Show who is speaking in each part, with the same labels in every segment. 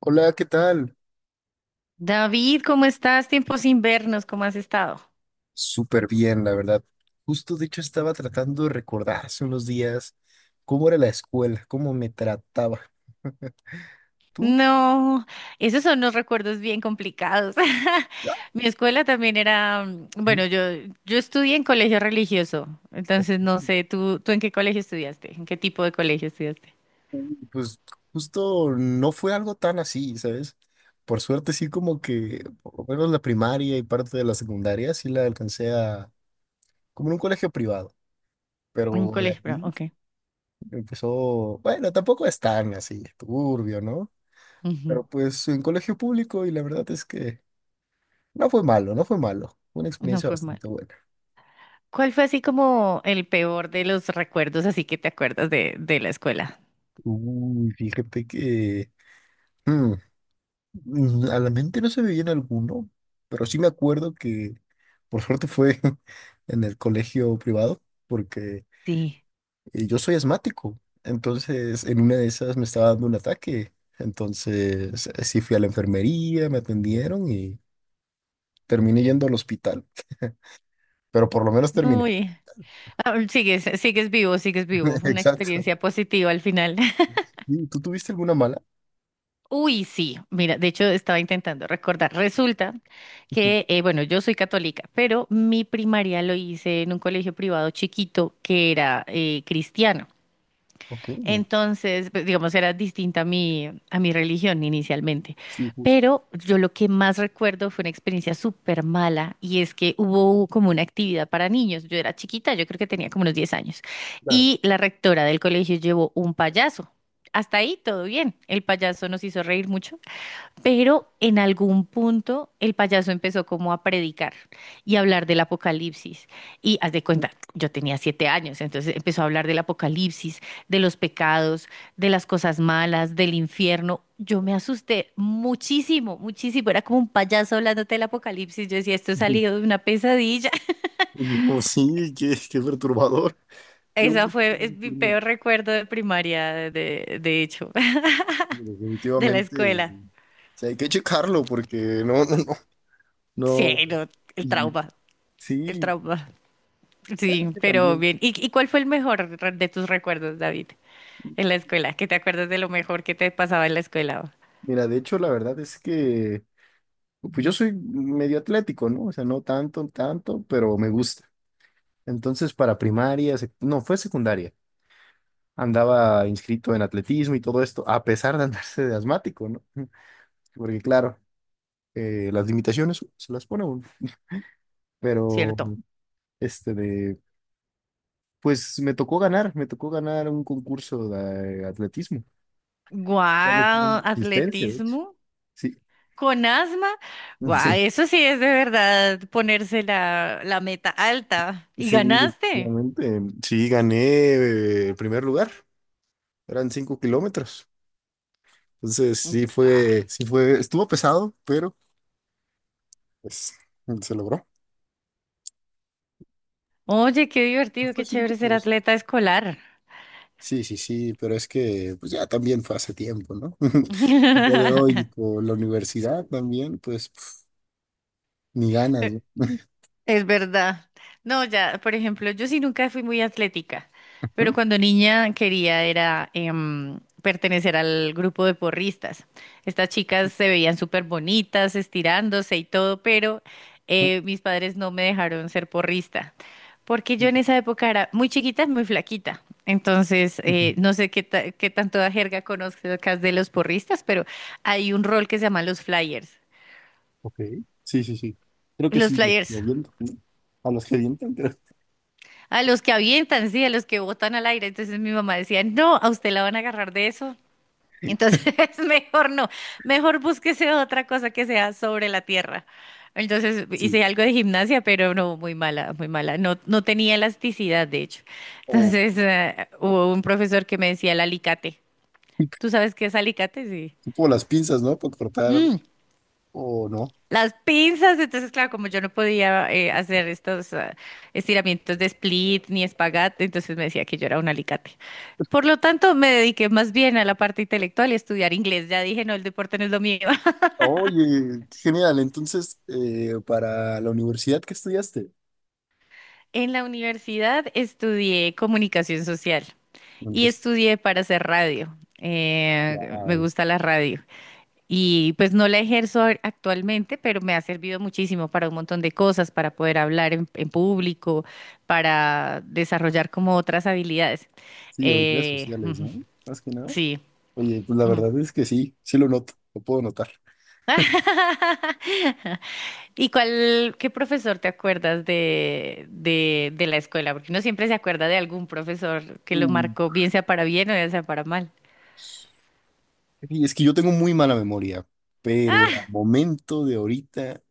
Speaker 1: Hola, ¿qué tal?
Speaker 2: David, ¿cómo estás? Tiempos sin vernos, ¿cómo has estado?
Speaker 1: Súper bien, la verdad. Justo, de hecho, estaba tratando de recordar hace unos días cómo era la escuela, cómo me trataba. ¿Tú?
Speaker 2: No, esos son los recuerdos bien complicados.
Speaker 1: Ah,
Speaker 2: Mi escuela también era,
Speaker 1: ujú.
Speaker 2: bueno, yo estudié en colegio religioso, entonces no sé, ¿tú en qué colegio estudiaste? ¿En qué tipo de colegio estudiaste?
Speaker 1: Pues justo no fue algo tan así, ¿sabes? Por suerte sí como que, por lo menos la primaria y parte de la secundaria sí la alcancé a, como en un colegio privado,
Speaker 2: En
Speaker 1: pero de
Speaker 2: colegio, pero,
Speaker 1: aquí
Speaker 2: ok.
Speaker 1: empezó, bueno, tampoco es tan así, turbio, ¿no?
Speaker 2: Ujú,
Speaker 1: Pero pues en colegio público y la verdad es que no fue malo, no fue malo. Fue una
Speaker 2: no
Speaker 1: experiencia
Speaker 2: fue mal.
Speaker 1: bastante buena.
Speaker 2: ¿Cuál fue así como el peor de los recuerdos, así que te acuerdas de la escuela?
Speaker 1: Uy, fíjate que mm, a la mente no se me viene alguno, pero sí me acuerdo que por suerte fue en el colegio privado, porque
Speaker 2: Sí.
Speaker 1: yo soy asmático. Entonces, en una de esas me estaba dando un ataque. Entonces, sí fui a la enfermería, me atendieron y terminé yendo al hospital. Pero por lo menos terminé.
Speaker 2: Uy, ah, sigues, sigues vivo, sigues vivo. Una
Speaker 1: Exacto.
Speaker 2: experiencia positiva al final.
Speaker 1: Sí, ¿tú tuviste alguna mala?
Speaker 2: Uy, sí, mira, de hecho estaba intentando recordar. Resulta que, bueno, yo soy católica, pero mi primaria lo hice en un colegio privado chiquito que era cristiano.
Speaker 1: Ok,
Speaker 2: Entonces, pues, digamos, era distinta a mi religión inicialmente.
Speaker 1: sí, justo.
Speaker 2: Pero yo lo que más recuerdo fue una experiencia súper mala y es que hubo como una actividad para niños. Yo era chiquita, yo creo que tenía como unos 10 años.
Speaker 1: Claro.
Speaker 2: Y la rectora del colegio llevó un payaso. Hasta ahí todo bien. El payaso nos hizo reír mucho pero en algún punto el payaso empezó como a predicar y a hablar del apocalipsis. Y haz de cuenta, yo tenía 7 años, entonces empezó a hablar del apocalipsis, de los pecados, de las cosas malas, del infierno. Yo me asusté muchísimo, muchísimo. Era como un payaso hablándote del apocalipsis. Yo decía, esto ha salido de una pesadilla.
Speaker 1: Oye, no, sí, qué perturbador. Qué
Speaker 2: Esa
Speaker 1: bueno que
Speaker 2: fue,
Speaker 1: no me
Speaker 2: es mi
Speaker 1: ocurrió.
Speaker 2: peor recuerdo de primaria, de hecho, de la
Speaker 1: Definitivamente,
Speaker 2: escuela.
Speaker 1: sí, hay que checarlo porque no, no, no, no.
Speaker 2: Sí, no, el
Speaker 1: Y
Speaker 2: trauma, el
Speaker 1: sí,
Speaker 2: trauma.
Speaker 1: bueno, es
Speaker 2: Sí,
Speaker 1: que
Speaker 2: pero
Speaker 1: también.
Speaker 2: bien. Y cuál fue el mejor re- de tus recuerdos, David, en la escuela? ¿Qué te acuerdas de lo mejor que te pasaba en la escuela?
Speaker 1: Mira, de hecho, la verdad es que pues yo soy medio atlético, ¿no? O sea, no tanto, tanto, pero me gusta. Entonces, para primaria, no, fue secundaria. Andaba inscrito en atletismo y todo esto, a pesar de andarse de asmático, ¿no? Porque claro, las limitaciones se las pone uno. Pero
Speaker 2: ¿Cierto?
Speaker 1: este de, me tocó ganar un concurso de atletismo.
Speaker 2: Guau,
Speaker 1: Asistencia, de hecho.
Speaker 2: atletismo
Speaker 1: Sí,
Speaker 2: con asma. Guau,
Speaker 1: sí,
Speaker 2: eso sí es de verdad ponerse la, la meta alta. ¿Y
Speaker 1: sí,
Speaker 2: ganaste?
Speaker 1: definitivamente. Sí, gané primer lugar. Eran 5 kilómetros. Entonces,
Speaker 2: Guau.
Speaker 1: sí fue, estuvo pesado, pero pues se logró.
Speaker 2: Oye, qué
Speaker 1: ¿No
Speaker 2: divertido,
Speaker 1: fue
Speaker 2: qué chévere
Speaker 1: cinco
Speaker 2: ser
Speaker 1: 2?
Speaker 2: atleta escolar.
Speaker 1: Sí, sí, sí, pero es que pues ya también fue hace tiempo, ¿no? El día de hoy con la universidad también, pues pf, ni ganas, ¿no?
Speaker 2: Es verdad. No, ya, por ejemplo, yo sí nunca fui muy atlética, pero cuando niña quería era pertenecer al grupo de porristas. Estas chicas se veían súper bonitas, estirándose y todo, pero mis padres no me dejaron ser porrista, porque yo en esa época era muy chiquita, muy flaquita. Entonces,
Speaker 1: Ujú.
Speaker 2: no sé qué, qué tanto jerga conozcas de los porristas, pero hay un rol que se llama los flyers.
Speaker 1: Ok. Sí, sí, sí. Creo que
Speaker 2: Los
Speaker 1: sí, los
Speaker 2: flyers.
Speaker 1: gedientes, ¿no? A los gedientes, creo.
Speaker 2: A los que avientan, sí, a los que botan al aire. Entonces mi mamá decía, no, a usted la van a agarrar de eso. Entonces mejor no, mejor búsquese otra cosa que sea sobre la tierra. Entonces
Speaker 1: Sí.
Speaker 2: hice algo de gimnasia, pero no, muy mala, muy mala. No, no tenía elasticidad, de hecho.
Speaker 1: O
Speaker 2: Entonces hubo un profesor que me decía el alicate. ¿Tú sabes qué es alicate?
Speaker 1: tipo las pinzas, ¿no? Para cortar
Speaker 2: Sí,
Speaker 1: o no.
Speaker 2: las pinzas. Entonces, claro, como yo no podía hacer estos estiramientos de split ni espagat, entonces me decía que yo era un alicate. Por lo tanto, me dediqué más bien a la parte intelectual y a estudiar inglés. Ya dije, no, el deporte no es lo mío.
Speaker 1: Oye, qué genial. Entonces, para la universidad, ¿qué estudiaste?
Speaker 2: En la universidad estudié comunicación social y
Speaker 1: Aunque sí.
Speaker 2: estudié para hacer radio. Me
Speaker 1: Wow.
Speaker 2: gusta la radio. Y pues no la ejerzo actualmente, pero me ha servido muchísimo para un montón de cosas, para poder hablar en público, para desarrollar como otras habilidades.
Speaker 1: Sí, habilidades sociales,
Speaker 2: Ujú,
Speaker 1: ¿no? Más que nada.
Speaker 2: sí.
Speaker 1: Oye, pues la
Speaker 2: Ujú.
Speaker 1: verdad es que sí, sí lo noto, lo puedo notar.
Speaker 2: ¿Y cuál, qué profesor te acuerdas de la escuela? Porque uno siempre se acuerda de algún profesor que lo
Speaker 1: Mm,
Speaker 2: marcó, bien sea para bien o bien sea para mal.
Speaker 1: Y es que yo tengo muy mala memoria, pero a momento de ahorita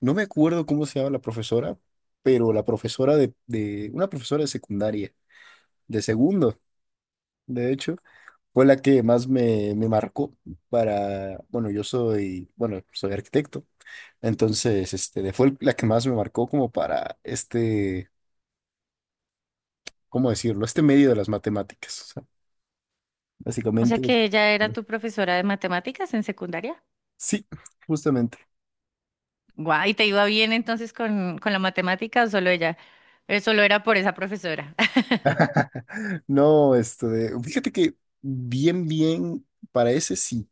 Speaker 1: no me acuerdo cómo se llama la profesora, pero la profesora de una profesora de secundaria, de segundo, de hecho, fue la que más me marcó para, bueno, yo soy, bueno, soy arquitecto, entonces, este, fue la que más me marcó como para este, ¿cómo decirlo? Este medio de las matemáticas, o sea,
Speaker 2: O sea
Speaker 1: básicamente.
Speaker 2: que ella era tu profesora de matemáticas en secundaria.
Speaker 1: Sí, justamente.
Speaker 2: Guau, ¿y te iba bien entonces con la matemática o solo ella? Solo era por esa profesora.
Speaker 1: No, este, fíjate que bien, bien, para ese sí.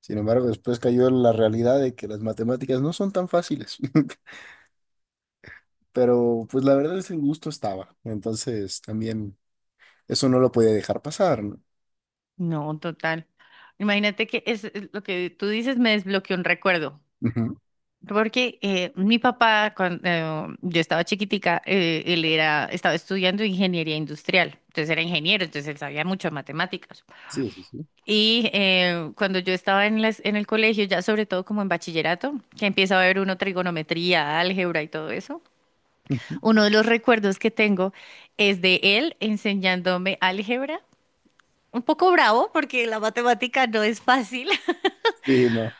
Speaker 1: Sin embargo, después cayó la realidad de que las matemáticas no son tan fáciles, pero pues la verdad es que el gusto estaba, entonces también eso no lo podía dejar pasar, ¿no?
Speaker 2: No, total. Imagínate que es lo que tú dices me desbloqueó un recuerdo.
Speaker 1: Ujú.
Speaker 2: Porque mi papá, cuando yo estaba chiquitica, él era, estaba estudiando ingeniería industrial. Entonces era ingeniero, entonces él sabía mucho de matemáticas.
Speaker 1: Sí, sí, sí.
Speaker 2: Y cuando yo estaba en, en el colegio, ya sobre todo como en bachillerato, que empieza a ver uno trigonometría, álgebra y todo eso.
Speaker 1: Ujú.
Speaker 2: Uno de los recuerdos que tengo es de él enseñándome álgebra. Un poco bravo porque la matemática no es fácil.
Speaker 1: Sí, no.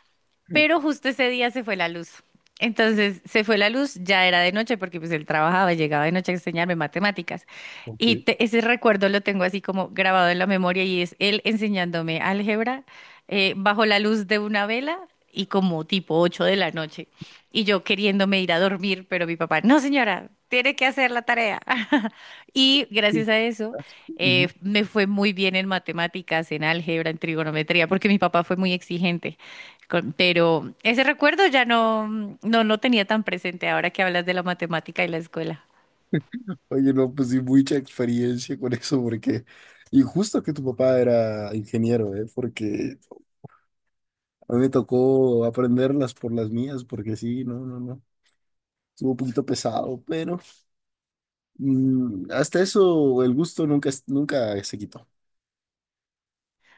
Speaker 2: Pero justo ese día se fue la luz. Entonces se fue la luz, ya era de noche porque pues él trabajaba, llegaba de noche a enseñarme matemáticas.
Speaker 1: Ok.
Speaker 2: Y ese recuerdo lo tengo así como grabado en la memoria y es él enseñándome álgebra bajo la luz de una vela y como tipo 8 de la noche. Y yo queriéndome ir a dormir, pero mi papá, no señora, tiene que hacer la tarea. Y gracias a eso
Speaker 1: Ujú.
Speaker 2: me fue muy bien en matemáticas, en álgebra, en trigonometría, porque mi papá fue muy exigente. Pero ese recuerdo ya no, no lo tenía tan presente ahora que hablas de la matemática y la escuela.
Speaker 1: Oye, no, pues sí, mucha experiencia con eso, porque, y justo que tu papá era ingeniero, ¿eh? Porque a mí me tocó aprenderlas por las mías, porque sí, no, no, no, estuvo un poquito pesado, pero hasta eso el gusto nunca, nunca se quitó.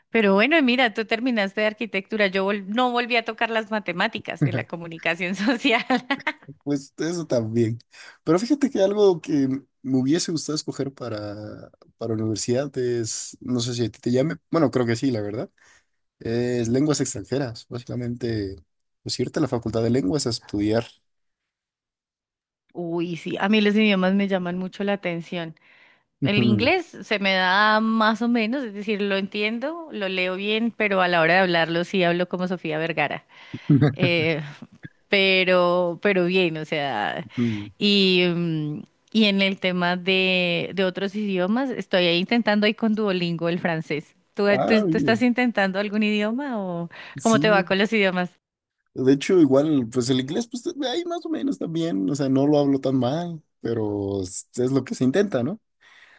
Speaker 2: Pero bueno, mira, tú terminaste de arquitectura, yo no volví a tocar las matemáticas de la comunicación social.
Speaker 1: Pues eso también. Pero fíjate que algo que me hubiese gustado escoger para universidad es, no sé si a ti te llame, bueno, creo que sí, la verdad, es lenguas extranjeras. Básicamente, pues irte a la Facultad de Lenguas a estudiar.
Speaker 2: Uy, sí, a mí los idiomas me llaman mucho la atención. El
Speaker 1: Ujú.
Speaker 2: inglés se me da más o menos, es decir, lo entiendo, lo leo bien, pero a la hora de hablarlo sí hablo como Sofía Vergara. Eh, pero bien, o sea,
Speaker 1: Ujú.
Speaker 2: y, y en el tema de otros idiomas, estoy ahí intentando ahí con Duolingo el francés. ¿Tú, tú,
Speaker 1: Ah,
Speaker 2: tú estás
Speaker 1: bien.
Speaker 2: intentando algún idioma o cómo te va
Speaker 1: Sí,
Speaker 2: con los idiomas?
Speaker 1: de hecho, igual, pues el inglés, pues ahí más o menos también, o sea, no lo hablo tan mal, pero es lo que se intenta, ¿no?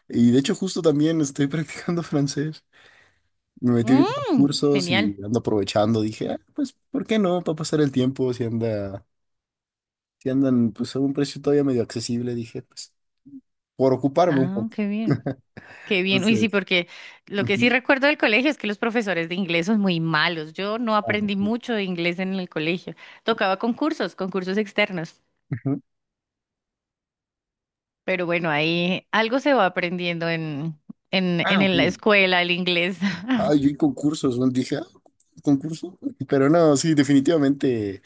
Speaker 1: Y de hecho justo también estoy practicando francés. Me metí ahorita en los
Speaker 2: Mm,
Speaker 1: cursos
Speaker 2: genial.
Speaker 1: y ando aprovechando. Dije, "Ah, pues, ¿por qué no? Para pasar el tiempo, si andan pues a un precio todavía medio accesible, dije, pues, por ocuparme un
Speaker 2: Ah,
Speaker 1: poco.
Speaker 2: qué bien. Qué bien. Uy, sí,
Speaker 1: Entonces,
Speaker 2: porque lo que sí
Speaker 1: ujú.
Speaker 2: recuerdo del colegio es que los profesores de inglés son muy malos. Yo no
Speaker 1: Ah,
Speaker 2: aprendí
Speaker 1: sí.
Speaker 2: mucho de inglés en el colegio. Tocaba concursos, concursos externos.
Speaker 1: Ujú.
Speaker 2: Pero bueno, ahí algo se va aprendiendo
Speaker 1: Ah, ok.
Speaker 2: en la escuela, el inglés.
Speaker 1: Ah, yo y concursos, ¿no? Dije, ah, concurso. Pero no, sí, definitivamente,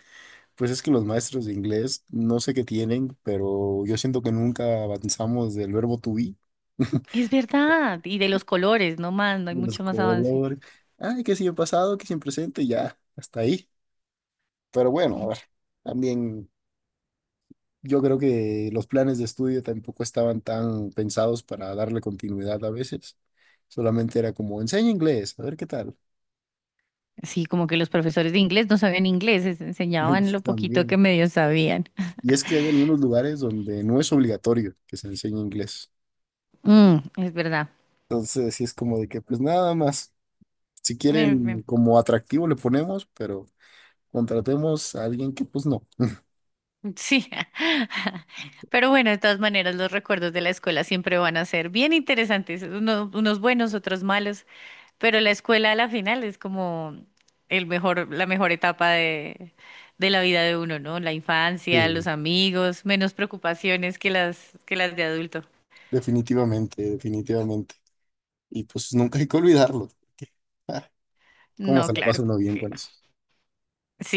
Speaker 1: pues es que los maestros de inglés, no sé qué tienen, pero yo siento que nunca avanzamos del verbo to be.
Speaker 2: Es verdad, y de los colores, no más, no hay
Speaker 1: Los
Speaker 2: mucho más avance.
Speaker 1: colores. Ay, que si en pasado, que si en presente, ya, hasta ahí. Pero bueno, a ver, también yo creo que los planes de estudio tampoco estaban tan pensados para darle continuidad a veces. Solamente era como, enseña inglés, a ver qué tal.
Speaker 2: Sí, como que los profesores de inglés no sabían inglés, les enseñaban lo poquito
Speaker 1: También.
Speaker 2: que medio sabían.
Speaker 1: Y es que hay algunos lugares donde no es obligatorio que se enseñe inglés.
Speaker 2: Mm, es verdad.
Speaker 1: Entonces, sí es como de que, pues nada más, si quieren
Speaker 2: Bueno,
Speaker 1: como atractivo le ponemos, pero contratemos a alguien que pues no.
Speaker 2: sí, pero bueno, de todas maneras los recuerdos de la escuela siempre van a ser bien interesantes, unos buenos, otros malos. Pero la escuela a la final es como el mejor, la mejor etapa de la vida de uno, ¿no? La infancia, los
Speaker 1: Sí,
Speaker 2: amigos, menos preocupaciones que las de adulto.
Speaker 1: definitivamente, definitivamente. Y pues nunca hay que olvidarlo. ¿Cómo
Speaker 2: No,
Speaker 1: se la pasa
Speaker 2: claro
Speaker 1: uno bien
Speaker 2: que
Speaker 1: con
Speaker 2: no.
Speaker 1: eso?
Speaker 2: Sí,